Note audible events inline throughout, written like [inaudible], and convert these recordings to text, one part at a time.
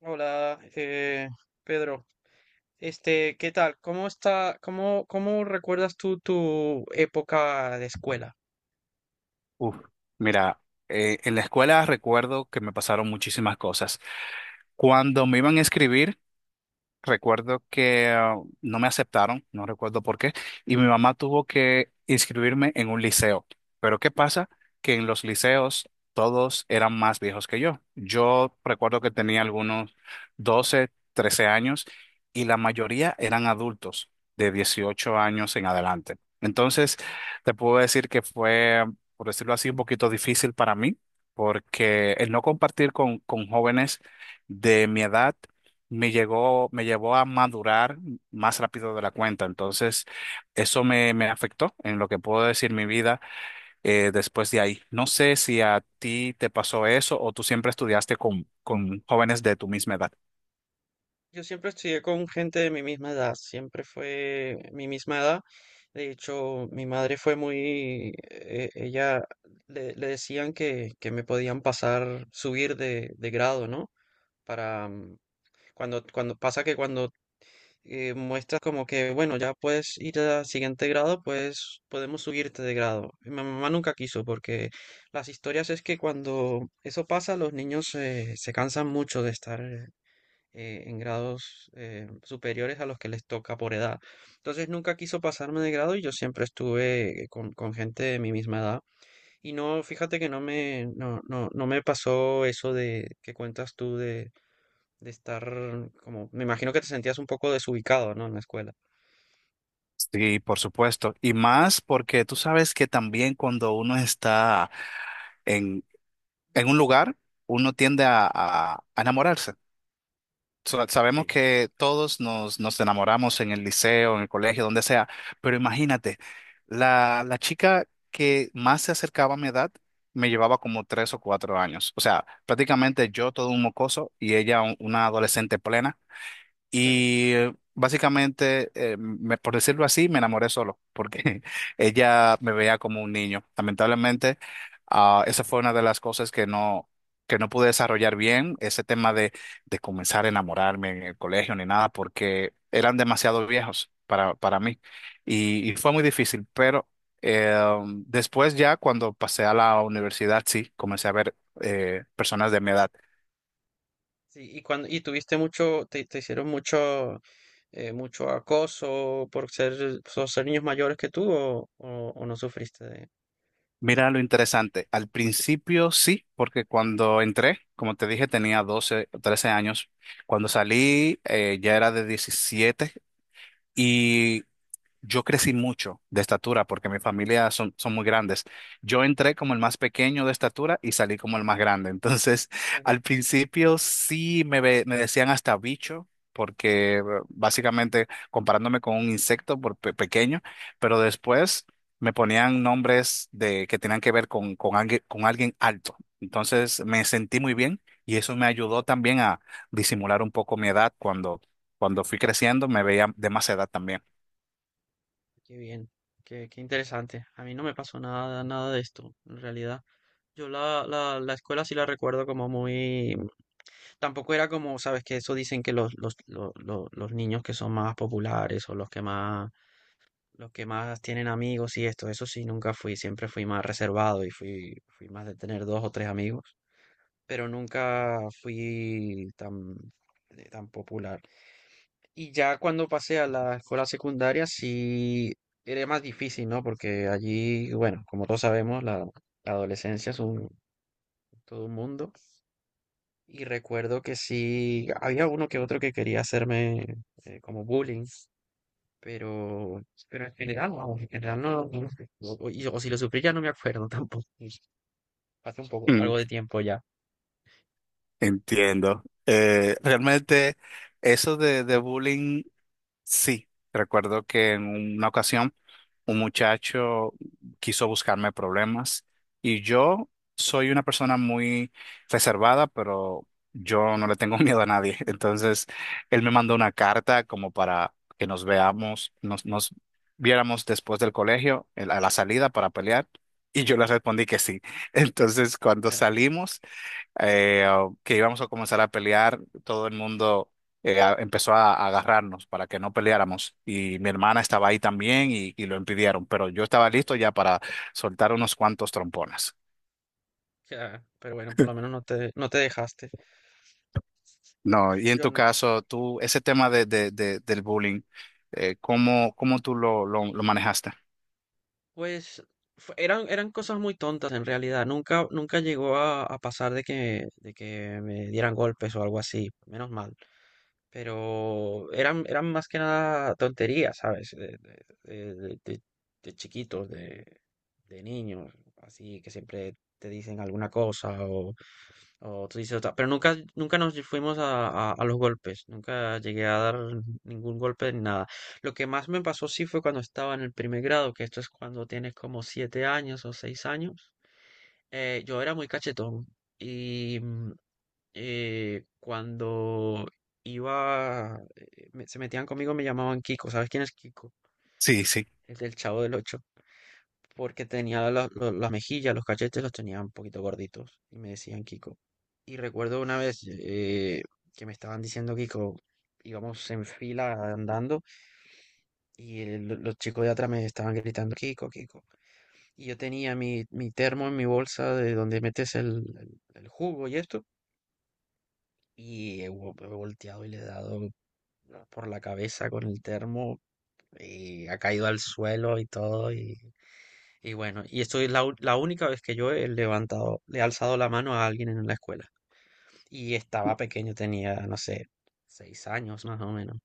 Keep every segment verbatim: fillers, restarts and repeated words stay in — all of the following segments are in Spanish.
Hola, eh, Pedro. Este, ¿qué tal? ¿Cómo está, cómo, cómo recuerdas tú tu época de escuela? Uf, mira, eh, en la escuela recuerdo que me pasaron muchísimas cosas. Cuando me iban a escribir, recuerdo que ah, no me aceptaron, no recuerdo por qué, y mi mamá tuvo que inscribirme en un liceo. Pero ¿qué pasa? Que en los liceos todos eran más viejos que yo. Yo recuerdo que tenía algunos doce trece años y la mayoría eran adultos de dieciocho años en adelante. Entonces, te puedo decir que fue, por decirlo así, un poquito difícil para mí, porque el no compartir con, con jóvenes de mi edad me llegó, me llevó a madurar más rápido de la cuenta. Entonces, eso me, me afectó en lo que puedo decir mi vida eh, después de ahí. No sé si a ti te pasó eso o tú siempre estudiaste con, con jóvenes de tu misma edad. Yo siempre estudié con gente de mi misma edad, siempre fue mi misma edad. De hecho, mi madre fue muy, eh, ella le, le decían que, que me podían pasar, subir de, de grado, ¿no? Para mm, cuando, cuando pasa que cuando eh, muestras como que, bueno, ya puedes ir al siguiente grado, pues podemos subirte de grado. Y mi mamá nunca quiso porque las historias es que cuando eso pasa, los niños eh, se cansan mucho de estar eh, en grados eh, superiores a los que les toca por edad. Entonces nunca quiso pasarme de grado y yo siempre estuve eh, con, con gente de mi misma edad. Y no, fíjate que no me, no, no, no me pasó eso de que cuentas tú de, de estar como, me imagino que te sentías un poco desubicado, ¿no? En la escuela. Sí, por supuesto. Y más porque tú sabes que también cuando uno está en, en un lugar, uno tiende a, a a enamorarse. sa- Sabemos Sí. que todos nos, nos enamoramos en el liceo, en el colegio, donde sea, pero imagínate, la, la chica que más se acercaba a mi edad me llevaba como tres o cuatro años. O sea, prácticamente yo todo un mocoso y ella un- una adolescente plena. [laughs] Y eh, básicamente, eh, me- por decirlo así, me enamoré solo, porque [laughs] ella me veía como un niño. Lamentablemente, ah, esa fue una de las cosas que no, que no pude desarrollar bien, ese tema de, de comenzar a enamorarme en el colegio ni nada, porque eran demasiado viejos para, para mí. Y, y fue muy difícil, pero eh, después ya cuando pasé a la universidad, sí, comencé a ver eh, personas de mi edad. Sí, y cuando, y tuviste mucho, te, te hicieron mucho, eh, mucho acoso por ser, por ser niños mayores que tú o, o, o no sufriste de... Mira lo interesante. Al principio sí, porque cuando entré, como te dije, tenía doce, o trece años. Cuando salí, eh, ya era de diecisiete y yo crecí mucho de estatura porque mi familia son, son muy grandes. Yo entré como el más pequeño de estatura y salí como el más grande. [laughs] Entonces, Ajá. al principio sí me, ve- me decían hasta bicho, porque eh, básicamente comparándome con un insecto por pe- pequeño, pero después me ponían nombres de, que tenían que ver con, con, alguien, con alguien alto. Entonces, me sentí muy bien y eso me ayudó también a disimular un poco mi edad cuando, cuando fui creciendo, me veía de más edad también. [laughs] Qué bien, qué, qué interesante. A mí no me pasó nada, nada de esto, en realidad. Yo la, la, la escuela sí la recuerdo como muy... Tampoco era como, sabes, que eso dicen que los, los, lo- lo- los niños que son más populares o los que más los que más tienen amigos y esto, eso sí, nunca fui, siempre fui más reservado y fui, fui más de tener dos o tres amigos, pero nunca fui tan, eh, tan popular. Y ya cuando pasé a la escuela secundaria sí era más difícil, ¿no? Porque allí, bueno, como todos sabemos, la, la adolescencia es un, todo un mundo. Y recuerdo que sí, había uno que otro que quería hacerme eh, como bullying. Pero, pero en general, vamos, en general no, no lo sé. O, o- y- o si lo sufrí ya no me acuerdo [laughs] tampoco. Pues, hace un poco, algo de tiempo ya. Entiendo. Eh, realmente eso de, de bullying, sí. Recuerdo que en una ocasión un muchacho quiso buscarme problemas y yo soy una persona muy reservada, pero yo no le tengo [laughs] miedo a nadie. Entonces, él me mandó una carta como para que nos veamos, nos, nos viéramos después del colegio, en la- a la salida para pelear. Y yo le respondí que sí. [laughs] Entonces, cuando Eh, salimos eh, o que íbamos a comenzar a pelear, todo el mundo eh, a- empezó a, a agarrarnos para que no peleáramos y mi hermana estaba ahí también y, y lo impidieron, pero yo estaba listo ya para soltar unos cuantos trompones. ya, pero bueno, por lo menos no te, no te dejaste. No, y en Yo tu no. caso, tú, ese tema de, de- de- del bullying, eh, ¿cómo, cómo tú lo, lo, lo manejaste? Pues fue- eran, eran cosas muy tontas en realidad. Nunca, nunca llegó a, a pasar de que, de que me dieran golpes o algo así. Menos mal. Pero eran, eran más que nada tonterías, ¿sabes? De, de- de- de- de- chiquitos, de, de niños, así que siempre te dicen alguna cosa o, o tú dices otra. Pero nunca, nunca nos fuimos a, a- a los golpes, nunca llegué a dar ningún golpe ni nada. Lo que más me pasó sí fue cuando estaba en el primer grado, que esto es cuando tienes como siete años o seis años. Eh, yo era muy cachetón y... mm, eh, cuando iba, eh, me- se metían conmigo, me llamaban Kiko. ¿Sabes quién es Kiko? Sí, sí. El del Chavo del Ocho. Porque tenía la- lo- las mejillas, los cachetes los tenía un poquito gorditos y me decían Kiko. Y recuerdo una vez eh, que me estaban diciendo Kiko, íbamos en fila andando y el- los chicos de atrás me estaban gritando Kiko, Kiko. Y yo tenía mi, mi termo en mi bolsa de donde metes el, el- el jugo y esto. Y he, vo- he volteado y le he dado por la cabeza con el termo y ha caído al suelo y todo. Y, y bueno, y esto es la, u- la única vez que yo he levantado, le he alzado la mano a alguien en la escuela. Y estaba pequeño, tenía, no sé, seis años más o menos.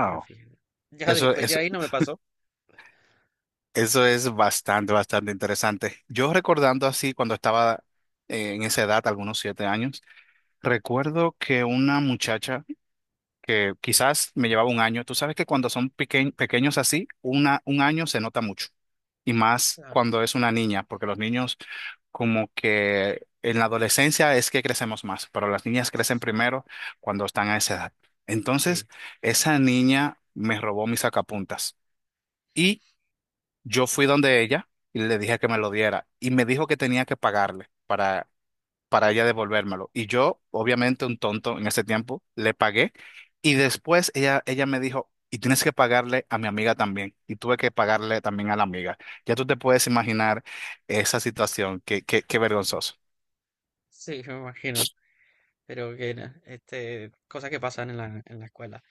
Pero fíjate, ya Eso, después de eso, ahí no me pasó. eso es bastante, bastante interesante. Yo recordando así cuando estaba eh, en esa edad, algunos siete años, recuerdo que una muchacha que quizás me llevaba un año, tú sabes que cuando son peque- pequeños así, una, un año se nota mucho, y más Claro. cuando es una niña, porque los niños como que en la adolescencia es que crecemos más, pero las niñas crecen primero cuando están a esa edad. Entonces, Sí, esa niña me robó mis sacapuntas y yo fui donde ella y le dije que me lo diera y me dijo que tenía que pagarle para ella devolvérmelo. Y yo, obviamente un tonto en ese tiempo, le pagué y después ella, ella me dijo, y tienes que pagarle a mi amiga también. Y tuve que pagarle también a la amiga. Ya tú te puedes imaginar esa situación, qué, qué, qué eh, vergonzoso. sí, [laughs] me imagino. Pero que, na- este, cosas que pasan en la, en la escuela.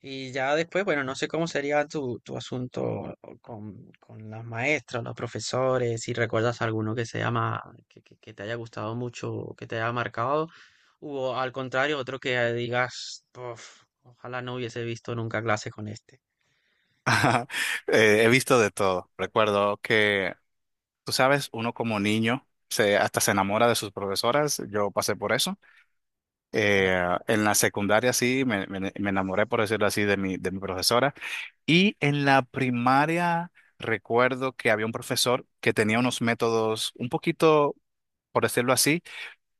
Y ya después, bueno, no sé cómo sería tu, tu asunto con, con las maestras, los profesores, si recuerdas alguno que se llama, que, que- que te haya gustado mucho, o que te haya marcado, o al contrario, otro que digas, "Puf, ojalá no hubiese visto nunca clase con este". [laughs] Eh, he visto de todo. Recuerdo que, tú sabes, uno como niño se, hasta se enamora de sus profesoras. Yo pasé por eso. Eh, [laughs] en la secundaria sí, me, me- me enamoré, por decirlo así, de mi, de mi profesora. Y en la primaria recuerdo que había un profesor que tenía unos métodos un poquito, por decirlo así,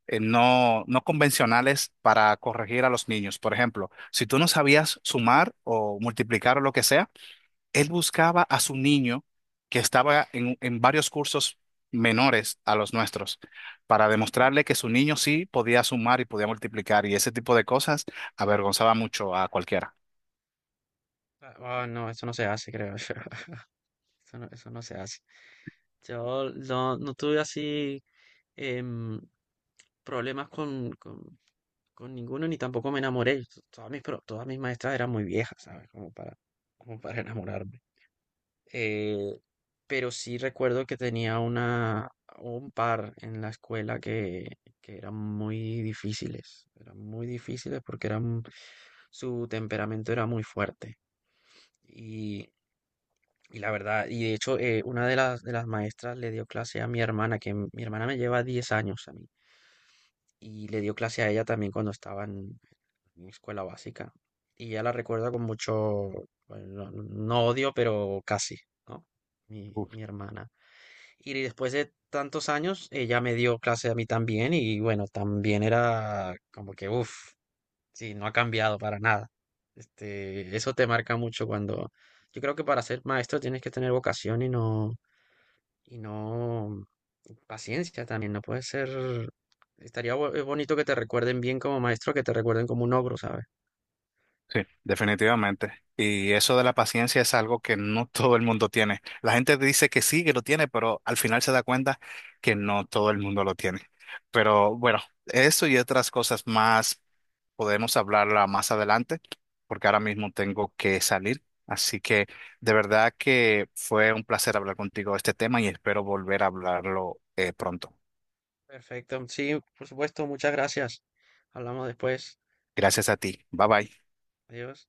eh, no, no convencionales para corregir a los niños. Por ejemplo, si tú no sabías sumar o multiplicar o lo que sea, él buscaba a su niño que estaba en, en varios cursos menores a los nuestros para ¿Mm? demostrarle que su niño sí podía sumar y podía multiplicar y ese tipo de cosas avergonzaba mucho a cualquiera. Ah, no, eso no se hace, creo yo. [laughs] Eso no, eso no se hace. Yo no, no tuve así em, problemas con, con Con ninguno ni tampoco me enamoré. T- Todas mis, pro- todas mis maestras eran muy viejas, ¿sabes? Como para, como para enamorarme. Eh, pero sí recuerdo que tenía una, un par en la escuela que, que eran muy difíciles. Eran muy difíciles porque eran, su temperamento era muy fuerte. Y, y la verdad, y de hecho, eh, una de las, de las maestras le dio clase a mi hermana, que mi hermana me lleva diez años a mí. Y le dio clase a ella también cuando estaban mi escuela básica. Y ya la recuerdo con mucho, bueno, no, no odio, pero casi, ¿no? Mi, Uf, mi hermana. Y después de tantos años, ella me dio clase a mí también y bueno, también era como que, uff, sí, no ha cambiado para nada. Este, eso te marca mucho cuando... Yo creo que para ser maestro tienes que tener vocación y no, y no y paciencia también, no puede ser... Estaría bo- eh, bonito que te recuerden bien como maestro, que te recuerden como un ogro, ¿sabes? sí, definitivamente. Y eso de la paciencia es algo que no [laughs] todo el mundo tiene. La gente dice que sí, que lo tiene, pero al final se da cuenta que no todo el mundo lo tiene. Pero bueno, eso y otras cosas más podemos hablarla más adelante, porque ahora mismo tengo que salir. Así que de verdad que fue un placer hablar contigo de este tema y espero volver a hablarlo eh, pronto. Perfecto. Sí, por supuesto. Muchas gracias. Hablamos después. Gracias a ti. Bye bye. Adiós.